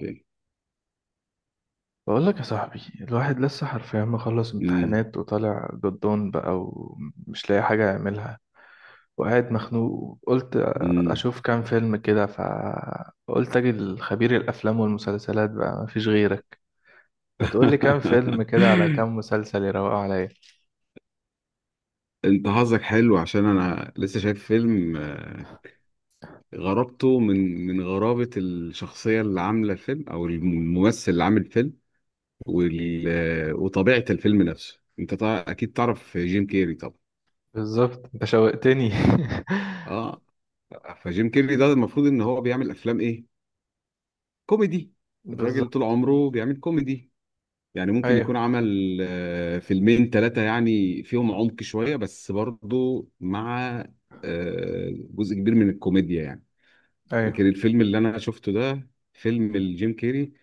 اوكي. بقول لك يا صاحبي، الواحد لسه حرفيا مخلص امم. امتحانات وطالع جدون بقى ومش لاقي حاجة يعملها، وقاعد مخنوق. قلت امم. أشوف كام فيلم كده، فقلت أجي لخبير الأفلام والمسلسلات بقى، مفيش غيرك. ما تقول لي كام فيلم كده على كام مسلسل يروقوا عليا. انت حظك حلو عشان انا لسه شايف فيلم غرابته من غرابة الشخصية اللي عاملة الفيلم او الممثل اللي عامل الفيلم وال... آه، وطبيعة الفيلم نفسه. انت طبعا اكيد تعرف جيم كيري طبعا. بالظبط، أنت شوقتني اه. فجيم كيري ده المفروض ان هو بيعمل افلام ايه؟ كوميدي. الراجل طول بالظبط. عمره بيعمل كوميدي، يعني ممكن يكون أيوه عمل فيلمين ثلاثة يعني فيهم عمق شوية، بس برضو مع جزء كبير من الكوميديا يعني. لكن أيوه. الفيلم اللي أنا شفته ده فيلم الجيم كيري،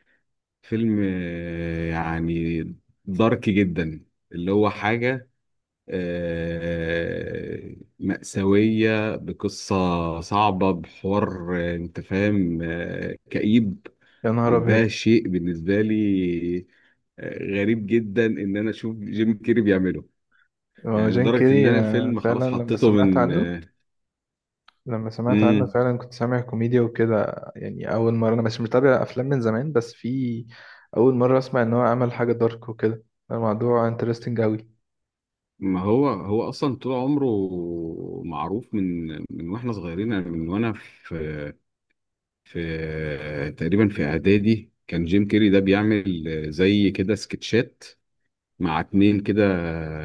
فيلم يعني دارك جدا، اللي هو حاجة مأساوية، بقصة صعبة، بحوار أنت فاهم، كئيب. يا نهار وده أبيض! شيء بالنسبة لي غريب جدا ان انا اشوف جيم كيري بيعمله. هو يعني جين لدرجه ان كيري، انا أنا الفيلم فعلا خلاص حطيته من. لما سمعت عنه امم. فعلا كنت سامع كوميديا وكده. يعني اول مره، انا مش متابع افلام من زمان، بس في اول مره اسمع ان هو عمل حاجه دارك وكده. الموضوع انترستنج قوي. ما هو هو اصلا طول عمره معروف من واحنا صغيرين، يعني من وانا في في تقريبا في اعدادي كان جيم كيري ده بيعمل زي كده سكتشات مع اتنين كده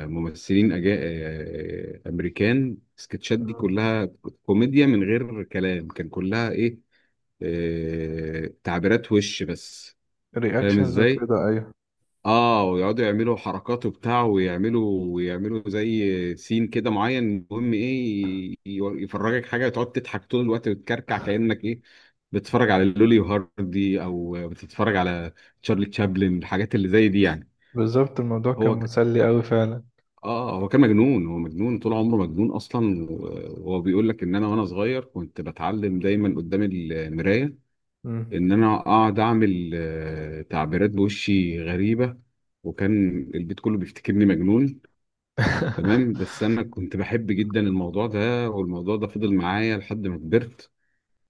ممثلين أجا... آه، امريكان. السكتشات دي كلها كوميديا من غير كلام، كان كلها ايه؟ تعبيرات وش بس، فاهم رياكشنز ازاي؟ وكده، ايوه. اه، ويقعدوا يعملوا حركات وبتاع، ويعملوا ويعملوا زي سين كده معين، المهم ايه؟ يفرجك حاجه تقعد تضحك طول الوقت وتكركع كانك ايه، بتتفرج على لولي وهاردي او بتتفرج على تشارلي تشابلن، الحاجات اللي زي دي يعني. بالظبط، الموضوع كان هو مسلي قوي فعلا. اه هو كان مجنون، هو مجنون طول عمره مجنون اصلا. وهو بيقول لك ان انا وانا صغير كنت بتعلم دايما قدام المرايه مم. ان انا اقعد اعمل تعبيرات بوشي غريبه، وكان البيت كله بيفتكرني مجنون. تمام، بس انا كنت بحب جدا الموضوع ده، والموضوع ده فضل معايا لحد ما كبرت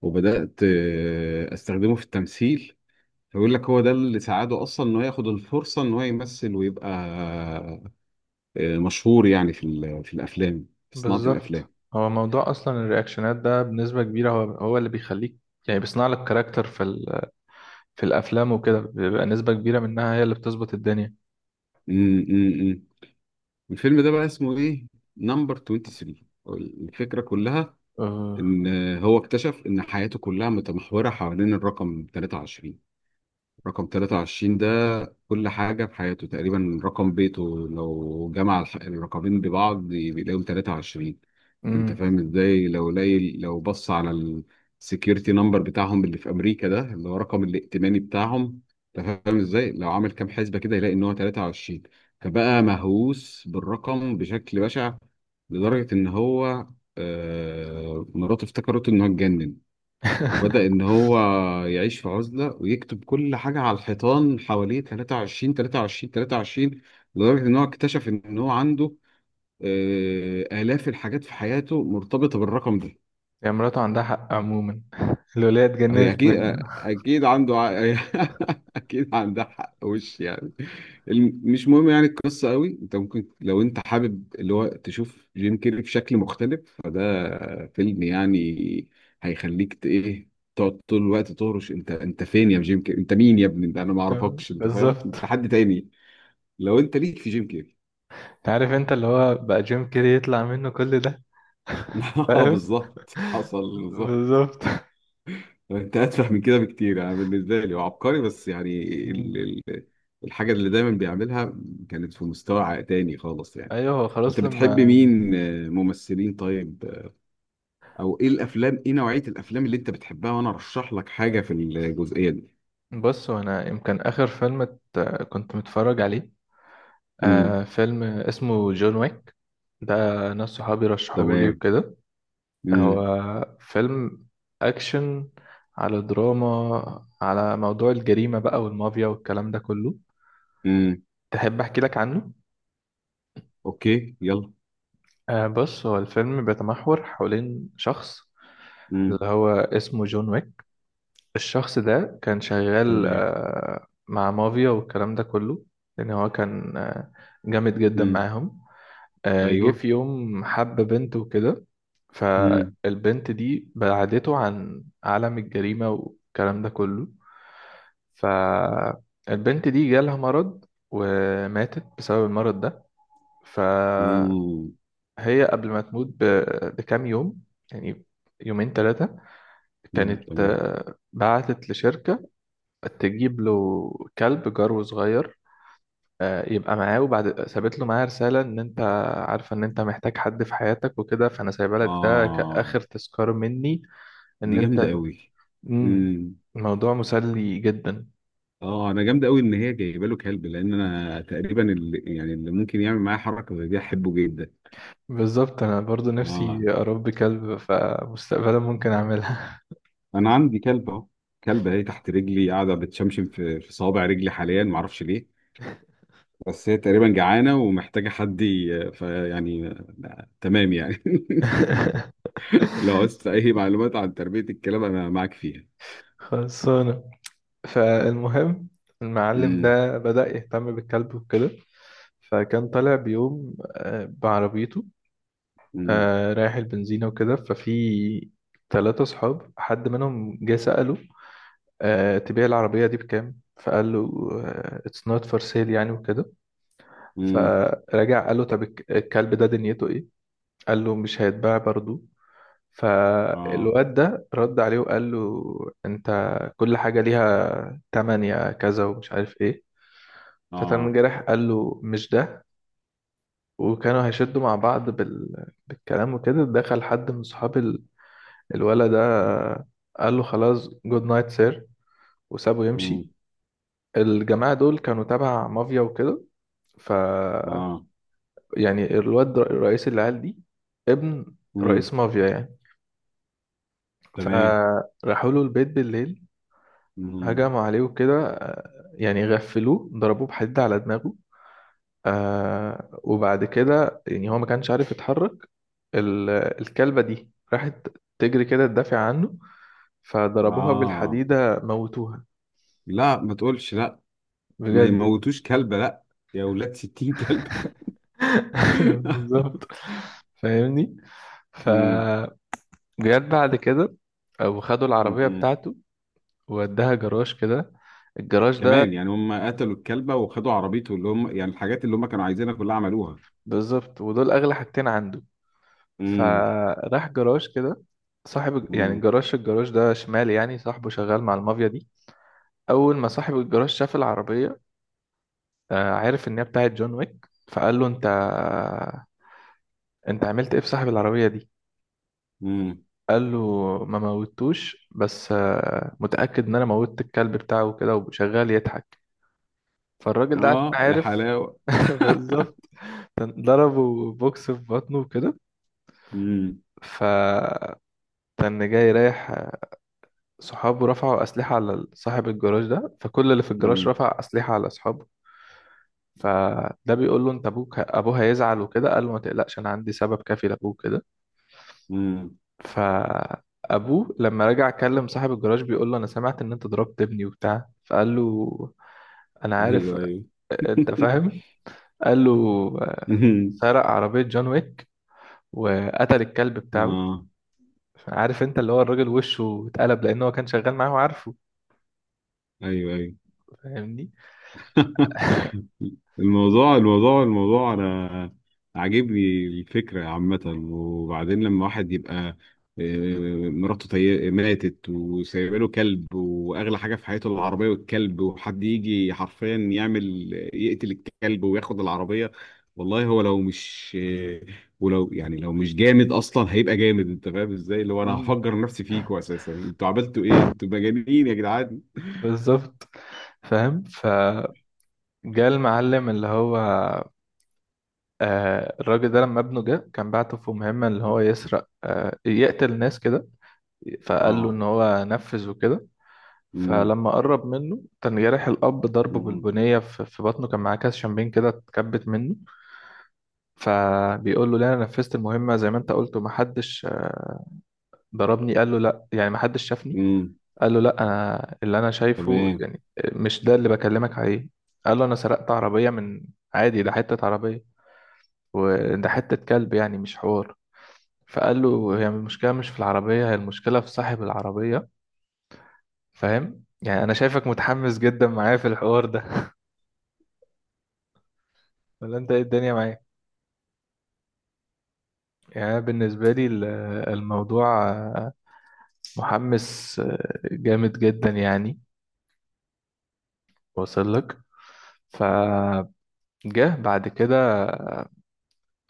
وبدات استخدمه في التمثيل. فيقول لك هو ده اللي ساعده اصلا انه ياخد الفرصه ان هو يمثل ويبقى مشهور يعني في في الافلام، في صناعه بالظبط. الافلام. هو موضوع اصلا، الرياكشنات ده بنسبه كبيره، هو هو اللي بيخليك، يعني بيصنع لك كاركتر في في الافلام وكده، بيبقى نسبه كبيره منها هي اللي بتظبط الدنيا. امم. امم. الفيلم ده بقى اسمه ايه؟ نمبر 23. الفكره كلها أه. ان هو اكتشف ان حياته كلها متمحوره حوالين الرقم 23. رقم 23 ده، كل حاجة في حياته تقريبا رقم بيته، لو جمع الرقمين ببعض بيلاقيهم 23. انت مم. فاهم ازاي؟ لو لاقي، لو بص على السكيورتي نمبر بتاعهم اللي في امريكا ده، اللي هو رقم الائتماني بتاعهم، انت فاهم ازاي؟ لو عامل كام حسبة كده يلاقي ان هو 23. فبقى مهووس بالرقم بشكل بشع، لدرجة ان هو مراته افتكرته ان هو اتجنن. وبدأ إن هو يعيش في عزلة ويكتب كل حاجة على الحيطان حواليه: 23، 23، 23. لدرجة إن هو اكتشف إن هو عنده آلاف الحاجات في حياته مرتبطة بالرقم ده. هي مراته عندها حق عموما الولاية هي اتجننت اكيد، منه. اكيد عنده اكيد عندها حق، وش يعني. مش مهم يعني القصه قوي. انت ممكن لو انت حابب اللي هو تشوف جيم كيري في شكل مختلف، فده فيلم يعني هيخليك ايه تقعد طول الوقت تهرش: انت فين يا جيم كيري، انت مين يا ابني، ده انا ما آه، اعرفكش، انت فاهم بالظبط. انت حد تاني. لو انت ليك في جيم كيري. عارف انت اللي هو بقى جيم كيري يطلع منه كل ده؟ اه، فاهم. بالظبط حصل بالظبط. بالظبط. انت اتفه من كده بكتير. انا بالنسبه لي هو عبقري بس يعني ال... مم. ال... الحاجه اللي دايما بيعملها كانت في مستوى تاني خالص يعني. ايوه، هو انت خلاص بتحب لما. مين ممثلين؟ طيب، او ايه الافلام، ايه نوعيه الافلام اللي انت بتحبها وانا ارشح لك حاجه في الجزئيه دي؟ بص، هو انا يمكن اخر فيلم كنت متفرج عليه، امم. فيلم اسمه جون ويك، ده ناس صحابي رشحوهولي تمام. وكده. امم. هو فيلم اكشن على دراما، على موضوع الجريمة بقى والمافيا والكلام ده كله. امم. تحب احكي لك عنه؟ اوكي، يلا. بص، هو الفيلم بيتمحور حوالين شخص اللي امم. هو اسمه جون ويك. الشخص ده كان شغال تمام. مع مافيا والكلام ده كله، لأن هو كان جامد جدا امم. معاهم. جه ايوه. في يوم حب بنت وكده، امم. فالبنت دي بعدته عن عالم الجريمة والكلام ده كله. فالبنت دي جالها مرض، وماتت بسبب المرض ده. ف، امم. هي قبل ما تموت بكام يوم، يعني يومين ثلاثة، كانت تمام. بعتت لشركة تجيب له كلب جرو صغير، يبقى معاه، وبعد سابت له معاه رسالة إن أنت عارفة إن أنت محتاج حد في حياتك وكده، فأنا سايبة لك ده اه. كآخر تذكار مني، إن دي جامده أنت. قوي. مم، الموضوع مسلي جدا. اه، انا جامد قوي ان هي جايبه له كلب، لان انا تقريبا اللي يعني اللي ممكن يعمل معايا حركه زي دي احبه جدا. بالظبط، أنا برضو اه، نفسي أربي كلب، فمستقبلا ممكن أعملها انا عندي كلب اهو، كلبه اهي تحت رجلي قاعده بتشمشم في صوابع رجلي حاليا، ما اعرفش ليه. بس هي تقريبا جعانه ومحتاجه حد فيعني تمام يعني. لو عايز اي معلومات عن تربيه الكلاب انا معاك فيها. خلاص. فالمهم، المعلم امم. ده بدأ يهتم بالكلب وكده. فكان طالع بيوم بعربيته، امم. رايح البنزينة وكده، ففي ثلاثة صحاب حد منهم جه سأله تبيع العربية دي بكام؟ فقال له it's not for sale يعني وكده. امم. فرجع قال له طب الكلب ده دنيته ايه، قال له مش هيتباع برضه. اه. فالواد ده رد عليه وقال له انت، كل حاجة ليها تمن يا كذا ومش عارف ايه. فتن اه. جرح، قال له مش ده، وكانوا هيشدوا مع بعض بالكلام وكده، دخل حد من صحاب الولد ده، قال له خلاص جود نايت سير، وسابه امم. يمشي. الجماعة دول كانوا تبع مافيا وكده. ف اه. يعني الواد رئيس العيال دي، ابن امم. رئيس مافيا يعني. تمام. فراحوا له البيت بالليل، امم. هجموا عليه وكده، يعني غفلوه، ضربوه بحديد على دماغه. وبعد كده يعني هو ما كانش عارف يتحرك. ال- الكلبة دي راحت تجري كده تدافع عنه، فضربوها اه. بالحديدة، موتوها. لا، ما تقولش لا. ما بجد يموتوش كلب لا، يا ولاد 60 كلب. بالظبط، فاهمني. مم. فجت بعد كده، وخدوا العربية مم. بتاعته، ووداها جراج كده. الجراج ده، كمان يعني هم قتلوا الكلبة وخدوا عربيته، اللي هم يعني الحاجات اللي هم كانوا عايزينها كلها عملوها. بالظبط، ودول أغلى حاجتين عنده. مم. فراح جراج كده، صاحب يعني مم. جراج، الجراج ده شمالي، يعني صاحبه شغال مع المافيا دي. اول ما صاحب الجراج شاف العربيه، عرف ان هي بتاعت جون ويك، فقال له انت عملت ايه في صاحب العربيه دي؟ مم. قال له ما موتوش، بس متاكد ان انا موتت الكلب بتاعه وكده، وشغال يضحك. فالراجل ده عشان اه، يا عارف حلاوة. بالظبط، كان ضربه بوكس في بطنه وكده. مم. فكان جاي رايح، صحابه رفعوا أسلحة على صاحب الجراج ده، فكل اللي في الجراج مم. رفع أسلحة على أصحابه. فده بيقول له انت، ابوك ابوه هيزعل وكده، قال له ما تقلقش، انا عندي سبب كافي لابوه كده. مم. فابوه لما رجع كلم صاحب الجراج بيقول له انا سمعت ان انت ضربت ابني وبتاع، فقال له انا عارف، ايوه ايوه. انت فاهم، قال له آه، مم. سرق عربية جون ويك وقتل الكلب بتاعه. اه. عارف انت اللي هو الراجل وشه اتقلب، لان هو كان شغال معاه وعارفه. ايوه ايوه. فاهمني. الموضوع انا عاجبني، الفكره عامه. وبعدين لما واحد يبقى مراته ماتت وسايبه له كلب، واغلى حاجه في حياته العربيه والكلب، وحد يجي حرفيا يعمل يقتل الكلب وياخد العربيه، والله هو لو مش ولو يعني لو مش جامد اصلا هيبقى جامد. انت فاهم ازاي اللي هو انا مم. هفجر نفسي فيكوا اساسا، انتوا عملتوا ايه، انتوا مجانين يا جدعان. بالظبط. فاهم، فجاء المعلم اللي هو الراجل ده، لما ابنه جه كان بعته في مهمة اللي هو يسرق، يقتل ناس كده. فقال له ان اه. هو نفذ وكده. امم. فلما قرب منه كان جارح الاب، ضربه امم. بالبنية في بطنه، كان معاه كاس شامبين كده اتكبت منه. فبيقول له لا، انا نفذت المهمة زي ما انت قلت، ومحدش ضربني. قال له لا يعني محدش شافني. أمم. قال له لا، انا اللي انا شايفه تمام. يعني، مش ده اللي بكلمك عليه. قال له انا سرقت عربية من، عادي ده حتة عربية، وده حتة كلب، يعني مش حوار. فقال له هي المشكلة مش في العربية، هي المشكلة في صاحب العربية. فاهم؟ يعني أنا شايفك متحمس جدا معايا في الحوار ده ولا أنت إيه الدنيا معايا؟ يعني أنا بالنسبة لي الموضوع محمس، جامد جدا يعني، واصل لك. فجه بعد كده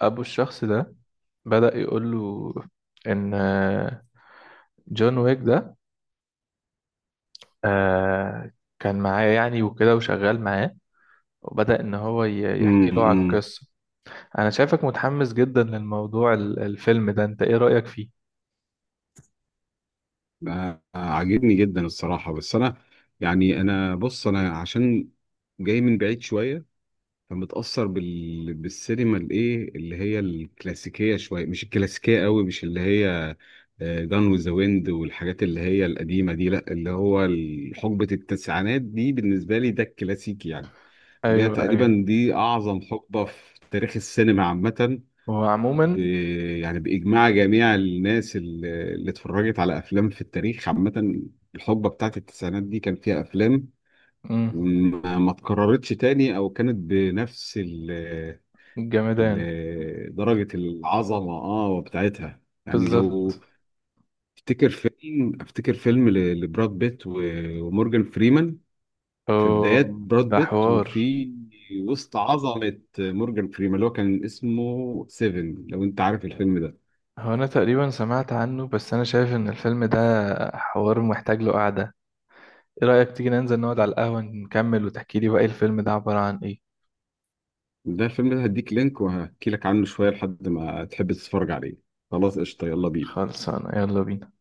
أبو الشخص ده بدأ يقول له إن جون ويك ده آه، كان معاه يعني وكده وشغال معاه. وبدأ إن هو يحكي له على امم. القصة. انا شايفك متحمس جدا للموضوع الفيلم ده، انت ايه رأيك فيه؟ عاجبني جدا الصراحة، بس أنا يعني أنا، بص أنا عشان جاي من بعيد شوية، فمتأثر بالسينما الإيه اللي هي الكلاسيكية شوية، مش الكلاسيكية قوي، مش اللي هي جان وذ ذا ويند والحاجات اللي هي القديمة دي، لأ اللي هو حقبة التسعينات دي بالنسبة لي ده الكلاسيكي يعني. اللي هي ايوه ايوه، تقريبا دي أعظم حقبة في تاريخ السينما عامة، هو ب... عموما. يعني بإجماع جميع الناس اللي اتفرجت على أفلام في التاريخ عامة. الحقبة بتاعت التسعينات دي كان فيها أفلام امم. ما اتكررتش تاني، أو كانت بنفس جمدان. درجة العظمة بتاعتها يعني. لو بالظبط. افتكر فيلم لبراد بيت ومورجان فريمان، في بدايات أوه، براد ده بيت حوار. وفي وسط عظمة مورجان فريمان، اللي هو كان اسمه سيفن، لو انت عارف الفيلم ده. هو انا تقريبا سمعت عنه، بس انا شايف ان الفيلم ده حوار محتاج له قعدة. ايه رأيك تيجي ننزل نقعد على القهوة نكمل، وتحكي لي بقى إيه الفيلم ده عبارة عن ايه؟ ده الفيلم ده هديك لينك وهحكي لك عنه شوية لحد ما تحب تتفرج عليه. خلاص قشطة، يلا بينا. خلصانة، يلا بينا.